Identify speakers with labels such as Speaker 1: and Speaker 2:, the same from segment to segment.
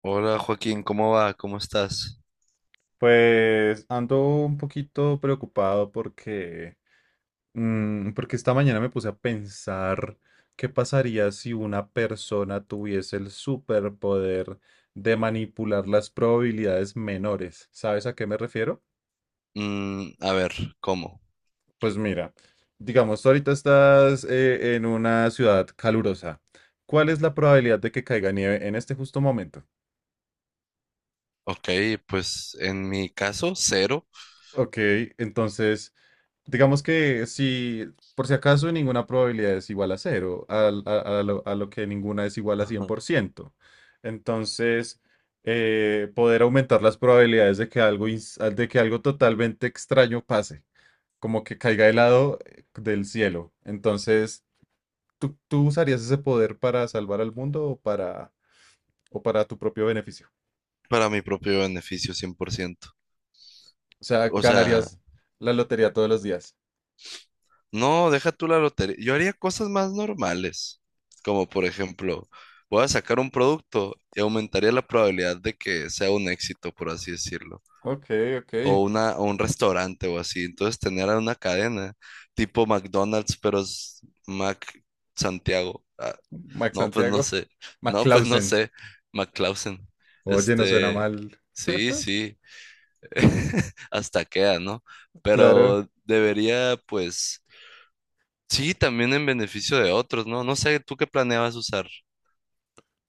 Speaker 1: Hola Joaquín, ¿cómo va? ¿Cómo estás?
Speaker 2: Pues ando un poquito preocupado porque esta mañana me puse a pensar qué pasaría si una persona tuviese el superpoder de manipular las probabilidades menores. ¿Sabes a qué me refiero?
Speaker 1: Mm, a ver, ¿cómo?
Speaker 2: Pues mira, digamos, tú ahorita estás en una ciudad calurosa. ¿Cuál es la probabilidad de que caiga nieve en este justo momento?
Speaker 1: Ok, pues en mi caso, cero.
Speaker 2: Ok, entonces. Digamos que si por si acaso ninguna probabilidad es igual a cero, a lo que ninguna es igual a cien
Speaker 1: Ajá.
Speaker 2: por ciento Entonces, poder aumentar las probabilidades de que algo totalmente extraño pase, como que caiga helado del cielo. Entonces, ¿tú usarías ese poder para salvar al mundo o o para tu propio beneficio?
Speaker 1: Para mi propio beneficio, 100%.
Speaker 2: O sea,
Speaker 1: O sea,
Speaker 2: ganarías la lotería todos los días.
Speaker 1: no, deja tú la lotería. Yo haría cosas más normales, como por ejemplo, voy a sacar un producto y aumentaría la probabilidad de que sea un éxito, por así decirlo.
Speaker 2: Ok, ok.
Speaker 1: O, una, o un restaurante o así. Entonces tener una cadena tipo McDonald's, pero es Mac Santiago. Ah,
Speaker 2: Max
Speaker 1: no, pues no
Speaker 2: Santiago,
Speaker 1: sé.
Speaker 2: Mac
Speaker 1: No, pues no
Speaker 2: Clausen.
Speaker 1: sé. McClausen.
Speaker 2: Oye, no suena
Speaker 1: Este,
Speaker 2: mal.
Speaker 1: sí, sí. Hasta queda, ¿no?
Speaker 2: Claro.
Speaker 1: Pero debería, pues, sí, también en beneficio de otros, ¿no? No sé, ¿tú qué planeabas usar?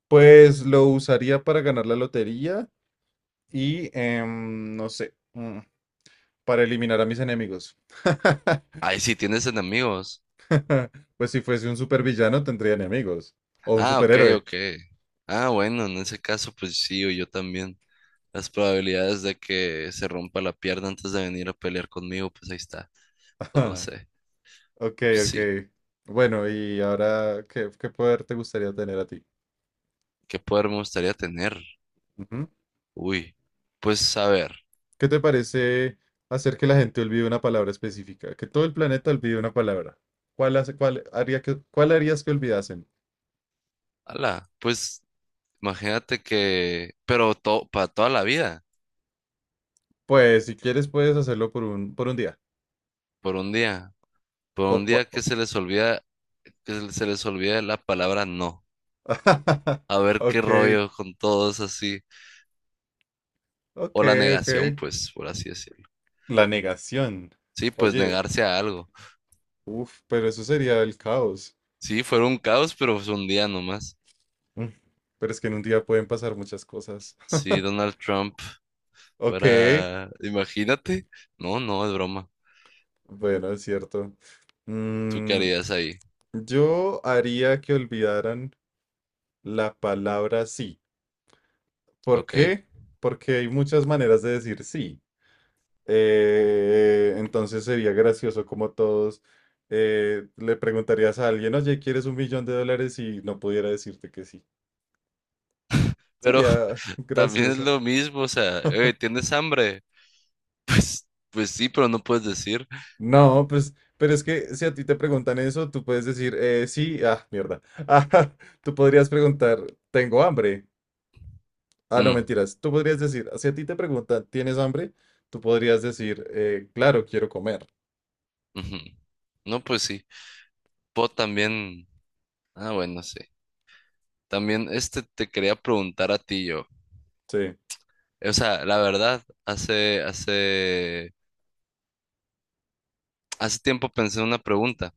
Speaker 2: Pues lo usaría para ganar la lotería y, no sé, para eliminar a mis enemigos.
Speaker 1: Ay, sí, tienes enemigos.
Speaker 2: Pues si fuese un supervillano tendría enemigos. O un
Speaker 1: Ah, ok,
Speaker 2: superhéroe.
Speaker 1: ok. Ah, bueno, en ese caso, pues sí, o yo también. Las probabilidades de que se rompa la pierna antes de venir a pelear conmigo, pues ahí está. O no sé.
Speaker 2: Ok,
Speaker 1: pues,
Speaker 2: ok.
Speaker 1: Sí.
Speaker 2: Bueno, y ahora, ¿qué poder te gustaría tener a ti?
Speaker 1: ¿Qué poder me gustaría tener?
Speaker 2: Ujú.
Speaker 1: Uy. Pues a ver.
Speaker 2: ¿Qué te parece hacer que la gente olvide una palabra específica? Que todo el planeta olvide una palabra. Cuál harías que olvidasen?
Speaker 1: Ala. Pues imagínate que. Pero para toda la vida.
Speaker 2: Pues si quieres puedes hacerlo por un día.
Speaker 1: Por un día. Por
Speaker 2: O
Speaker 1: un
Speaker 2: po-
Speaker 1: día que
Speaker 2: o-
Speaker 1: se les olvida. Que se les olvida la palabra no. A ver qué
Speaker 2: Ok,
Speaker 1: rollo con todos así.
Speaker 2: ok,
Speaker 1: O la
Speaker 2: ok.
Speaker 1: negación, pues, por así decirlo.
Speaker 2: La negación.
Speaker 1: Sí, pues
Speaker 2: Oye,
Speaker 1: negarse a algo.
Speaker 2: uff, pero eso sería el caos.
Speaker 1: Sí, fue un caos, pero fue un día nomás.
Speaker 2: Mm. Pero es que en un día pueden pasar muchas cosas.
Speaker 1: Sí, Donald Trump.
Speaker 2: Ok,
Speaker 1: Para, imagínate. No, no, es broma.
Speaker 2: bueno, es cierto.
Speaker 1: ¿Tú qué
Speaker 2: Mm,
Speaker 1: harías ahí?
Speaker 2: yo haría que olvidaran la palabra sí. ¿Por
Speaker 1: Ok.
Speaker 2: qué? Porque hay muchas maneras de decir sí. Entonces sería gracioso como todos le preguntarías a alguien, oye, ¿quieres 1 millón de dólares? Y no pudiera decirte que sí.
Speaker 1: Pero
Speaker 2: Sería
Speaker 1: también es
Speaker 2: gracioso.
Speaker 1: lo mismo, o sea, ¿tienes hambre? Pues sí, pero no puedes decir.
Speaker 2: No, pues, pero es que si a ti te preguntan eso, tú puedes decir, sí, ah, mierda. Ah, tú podrías preguntar, tengo hambre. Ah, no,
Speaker 1: "Mm,
Speaker 2: mentiras. Tú podrías decir, si a ti te preguntan, ¿tienes hambre? Tú podrías decir, claro, quiero comer.
Speaker 1: ujú". No, pues sí. Puedo también. Ah, bueno, sí. También este te quería preguntar a ti yo.
Speaker 2: Sí.
Speaker 1: O sea, la verdad, hace tiempo pensé en una pregunta.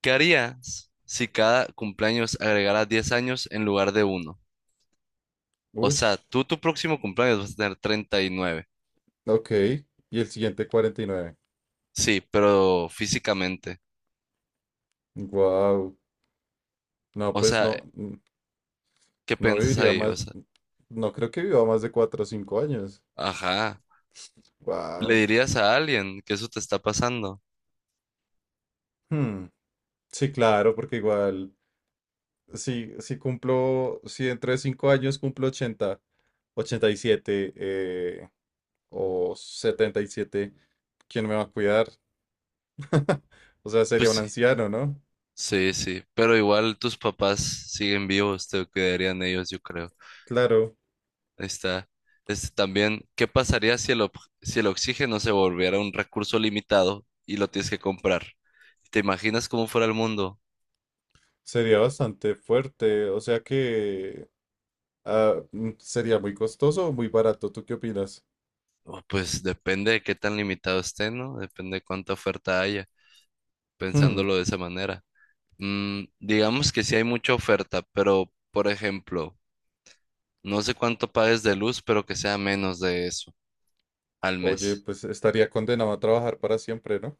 Speaker 1: ¿Qué harías si cada cumpleaños agregara 10 años en lugar de uno? O sea,
Speaker 2: Ush.
Speaker 1: tú tu próximo cumpleaños vas a tener 39.
Speaker 2: Ok. Y el siguiente, 49.
Speaker 1: Sí, pero físicamente.
Speaker 2: Wow. No,
Speaker 1: O
Speaker 2: pues
Speaker 1: sea,
Speaker 2: no,
Speaker 1: ¿qué
Speaker 2: no
Speaker 1: piensas
Speaker 2: viviría
Speaker 1: ahí? O
Speaker 2: más,
Speaker 1: sea,
Speaker 2: no creo que viva más de 4 o 5 años.
Speaker 1: ajá. ¿Le
Speaker 2: Wow.
Speaker 1: dirías a alguien que eso te está pasando?
Speaker 2: Sí, claro, porque igual, si dentro de 5 años cumplo 80, 87 o 77. ¿Quién me va a cuidar? O sea, sería
Speaker 1: Pues
Speaker 2: un
Speaker 1: sí.
Speaker 2: anciano, ¿no?
Speaker 1: Sí, sí. Pero igual tus papás siguen vivos, te cuidarían ellos, yo creo.
Speaker 2: Claro,
Speaker 1: Ahí está. Este también, ¿qué pasaría si el oxígeno se volviera un recurso limitado y lo tienes que comprar? ¿Te imaginas cómo fuera el mundo?
Speaker 2: sería bastante fuerte. O sea que ah, sería muy costoso o muy barato. ¿Tú qué opinas?
Speaker 1: Oh, pues depende de qué tan limitado esté, ¿no? Depende de cuánta oferta haya,
Speaker 2: Hmm.
Speaker 1: pensándolo de esa manera. Digamos que sí hay mucha oferta, pero por ejemplo, no sé cuánto pagues de luz, pero que sea menos de eso al
Speaker 2: Oye,
Speaker 1: mes.
Speaker 2: pues estaría condenado a trabajar para siempre, ¿no?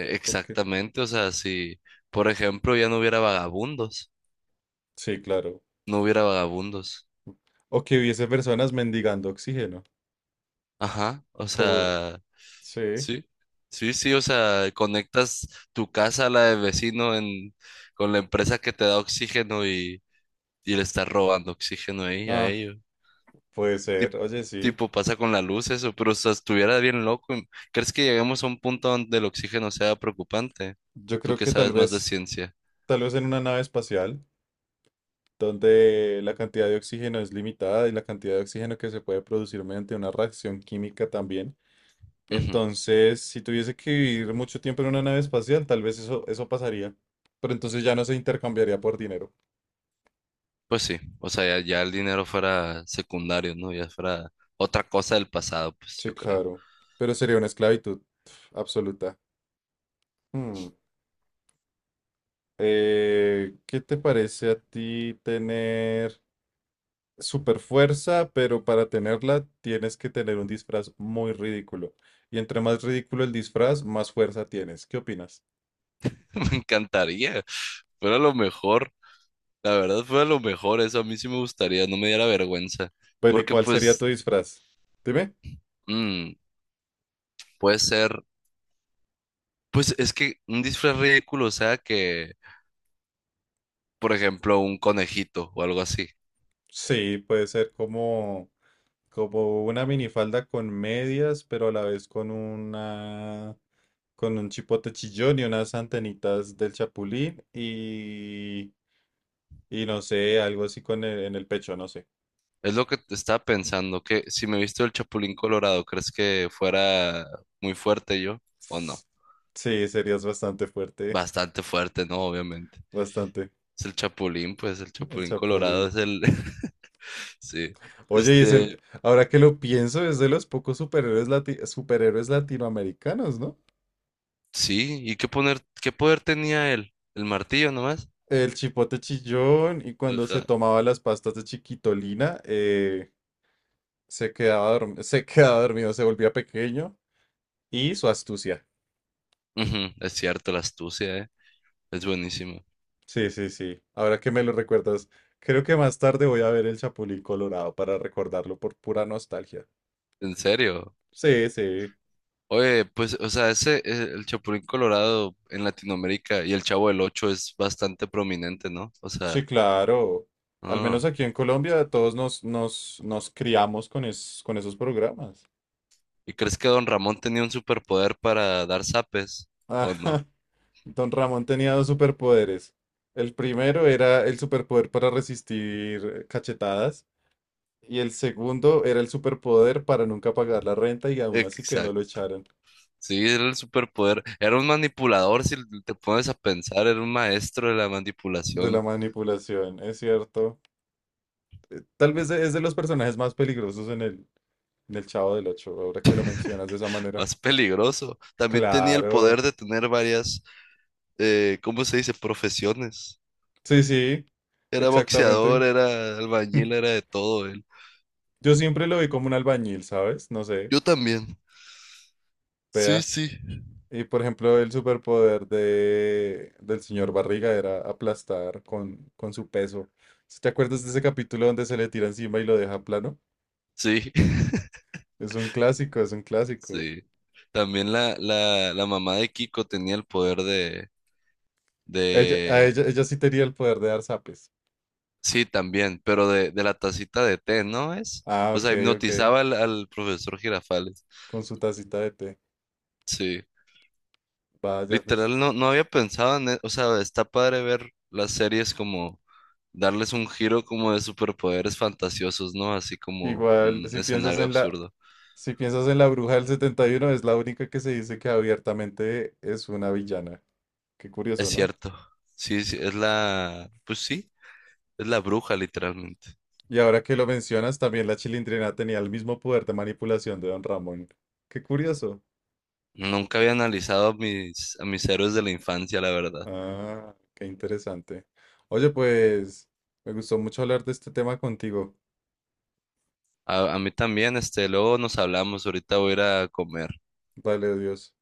Speaker 2: Porque,
Speaker 1: Exactamente, o sea, si por ejemplo ya no hubiera vagabundos,
Speaker 2: sí, claro.
Speaker 1: no hubiera vagabundos.
Speaker 2: O que hubiese personas mendigando oxígeno.
Speaker 1: Ajá, o
Speaker 2: Como,
Speaker 1: sea,
Speaker 2: sí.
Speaker 1: sí, sí, sí, o sea, conectas tu casa a la del vecino en, con la empresa que te da oxígeno y le estás robando oxígeno ahí a
Speaker 2: Ah,
Speaker 1: ellos.
Speaker 2: puede
Speaker 1: Tip-
Speaker 2: ser. Oye, sí.
Speaker 1: Tipo, pasa con la luz eso, pero o sea, estuviera bien loco. ¿Crees que lleguemos a un punto donde el oxígeno sea preocupante?
Speaker 2: Yo
Speaker 1: Tú
Speaker 2: creo
Speaker 1: que
Speaker 2: que tal
Speaker 1: sabes más de
Speaker 2: vez,
Speaker 1: ciencia.
Speaker 2: tal vez en una nave espacial, donde la cantidad de oxígeno es limitada y la cantidad de oxígeno que se puede producir mediante una reacción química también.
Speaker 1: Ujú,
Speaker 2: Entonces, si tuviese que vivir mucho tiempo en una nave espacial, tal vez eso pasaría. Pero entonces ya no se intercambiaría por dinero.
Speaker 1: pues sí, o sea, ya, ya el dinero fuera secundario, ¿no? Ya fuera otra cosa del pasado, pues
Speaker 2: Sí,
Speaker 1: yo creo.
Speaker 2: claro. Pero sería una esclavitud absoluta. Hmm. ¿Qué te parece a ti tener super fuerza, pero para tenerla tienes que tener un disfraz muy ridículo? Y entre más ridículo el disfraz, más fuerza tienes. ¿Qué opinas?
Speaker 1: Me encantaría, fuera lo mejor, la verdad fuera lo mejor, eso a mí sí me gustaría, no me diera vergüenza,
Speaker 2: Bueno, ¿y
Speaker 1: porque
Speaker 2: cuál sería tu
Speaker 1: pues
Speaker 2: disfraz? Dime.
Speaker 1: mm, puede ser, pues es que un disfraz ridículo, o sea, que, por ejemplo, un conejito o algo así.
Speaker 2: Sí, puede ser como una minifalda con medias, pero a la vez con un chipote chillón y unas antenitas del chapulín y no sé, algo así con en el pecho, no sé.
Speaker 1: Es lo que te estaba pensando, que si me he visto el Chapulín Colorado, ¿crees que fuera muy fuerte yo o no?
Speaker 2: Sí, serías bastante fuerte,
Speaker 1: Bastante fuerte, ¿no? Obviamente.
Speaker 2: bastante,
Speaker 1: Es el Chapulín, pues el
Speaker 2: el
Speaker 1: Chapulín Colorado
Speaker 2: Chapulín.
Speaker 1: es el. Sí.
Speaker 2: Oye, y es
Speaker 1: Este,
Speaker 2: el, ahora que lo pienso, es de los pocos superhéroes, superhéroes latinoamericanos, ¿no?
Speaker 1: sí, ¿y qué poder tenía él? ¿El martillo nomás?
Speaker 2: El Chipote Chillón y cuando se
Speaker 1: Ajá.
Speaker 2: tomaba las pastas de Chiquitolina, se quedaba dormido, se volvía pequeño y su astucia.
Speaker 1: Ujú, es cierto, la astucia, ¿eh? Es buenísimo.
Speaker 2: Sí, sí, sí. Ahora que me lo recuerdas, creo que más tarde voy a ver el Chapulín Colorado para recordarlo por pura nostalgia.
Speaker 1: En serio.
Speaker 2: Sí, sí,
Speaker 1: Oye, pues, o sea, ese, el Chapulín Colorado en Latinoamérica y el Chavo del Ocho es bastante prominente, ¿no? O sea,
Speaker 2: sí, claro. Al menos
Speaker 1: ah.
Speaker 2: aquí en Colombia todos nos criamos con esos programas.
Speaker 1: ¿Y crees que Don Ramón tenía un superpoder para dar zapes? ¿O no?
Speaker 2: Ajá. Don Ramón tenía dos superpoderes. El primero era el superpoder para resistir cachetadas. Y el segundo era el superpoder para nunca pagar la renta y aún así que no lo
Speaker 1: Exacto.
Speaker 2: echaran.
Speaker 1: Sí, era el superpoder. Era un manipulador, si te pones a pensar, era un maestro de la
Speaker 2: De la
Speaker 1: manipulación
Speaker 2: manipulación, es cierto. Tal vez es de los personajes más peligrosos en el Chavo del Ocho, ahora que lo mencionas de esa manera.
Speaker 1: más peligroso. También tenía el
Speaker 2: Claro.
Speaker 1: poder de tener varias, ¿cómo se dice? Profesiones.
Speaker 2: Sí, sí,
Speaker 1: Era
Speaker 2: exactamente.
Speaker 1: boxeador, era albañil, era de todo él.
Speaker 2: Yo siempre lo vi como un albañil, ¿sabes? No sé,
Speaker 1: Yo también. Sí,
Speaker 2: vea.
Speaker 1: sí.
Speaker 2: Y por ejemplo, el superpoder del señor Barriga era aplastar con su peso. ¿Sí? ¿Te acuerdas de ese capítulo donde se le tira encima y lo deja plano?
Speaker 1: Sí,
Speaker 2: Es un clásico, es un clásico.
Speaker 1: sí. También la mamá de Kiko tenía el poder de,
Speaker 2: Ella, a ella,
Speaker 1: de
Speaker 2: ella sí tenía el poder de dar zapes.
Speaker 1: Sí, también, pero de la tacita de té, ¿no es?
Speaker 2: Ah,
Speaker 1: O
Speaker 2: ok,
Speaker 1: sea,
Speaker 2: ok.
Speaker 1: hipnotizaba al profesor Girafales.
Speaker 2: Con su tacita de té.
Speaker 1: Sí,
Speaker 2: Vaya, pues.
Speaker 1: literal, no había pensado en eso. O sea, está padre ver las series como darles un giro como de superpoderes fantasiosos, ¿no? Así como
Speaker 2: Igual,
Speaker 1: un
Speaker 2: si piensas
Speaker 1: escenario
Speaker 2: en la,
Speaker 1: absurdo.
Speaker 2: si piensas en la bruja del 71 es la única que se dice que abiertamente es una villana. Qué
Speaker 1: Es
Speaker 2: curioso, ¿no?
Speaker 1: cierto. Sí, sí, es la, pues sí, es la bruja, literalmente.
Speaker 2: Y ahora que lo mencionas, también la Chilindrina tenía el mismo poder de manipulación de Don Ramón. Qué curioso.
Speaker 1: Nunca había analizado a mis héroes de la infancia, la verdad.
Speaker 2: Ah, qué interesante. Oye, pues, me gustó mucho hablar de este tema contigo.
Speaker 1: A mí también, este, luego nos hablamos, ahorita voy a ir a comer.
Speaker 2: Vale, Dios.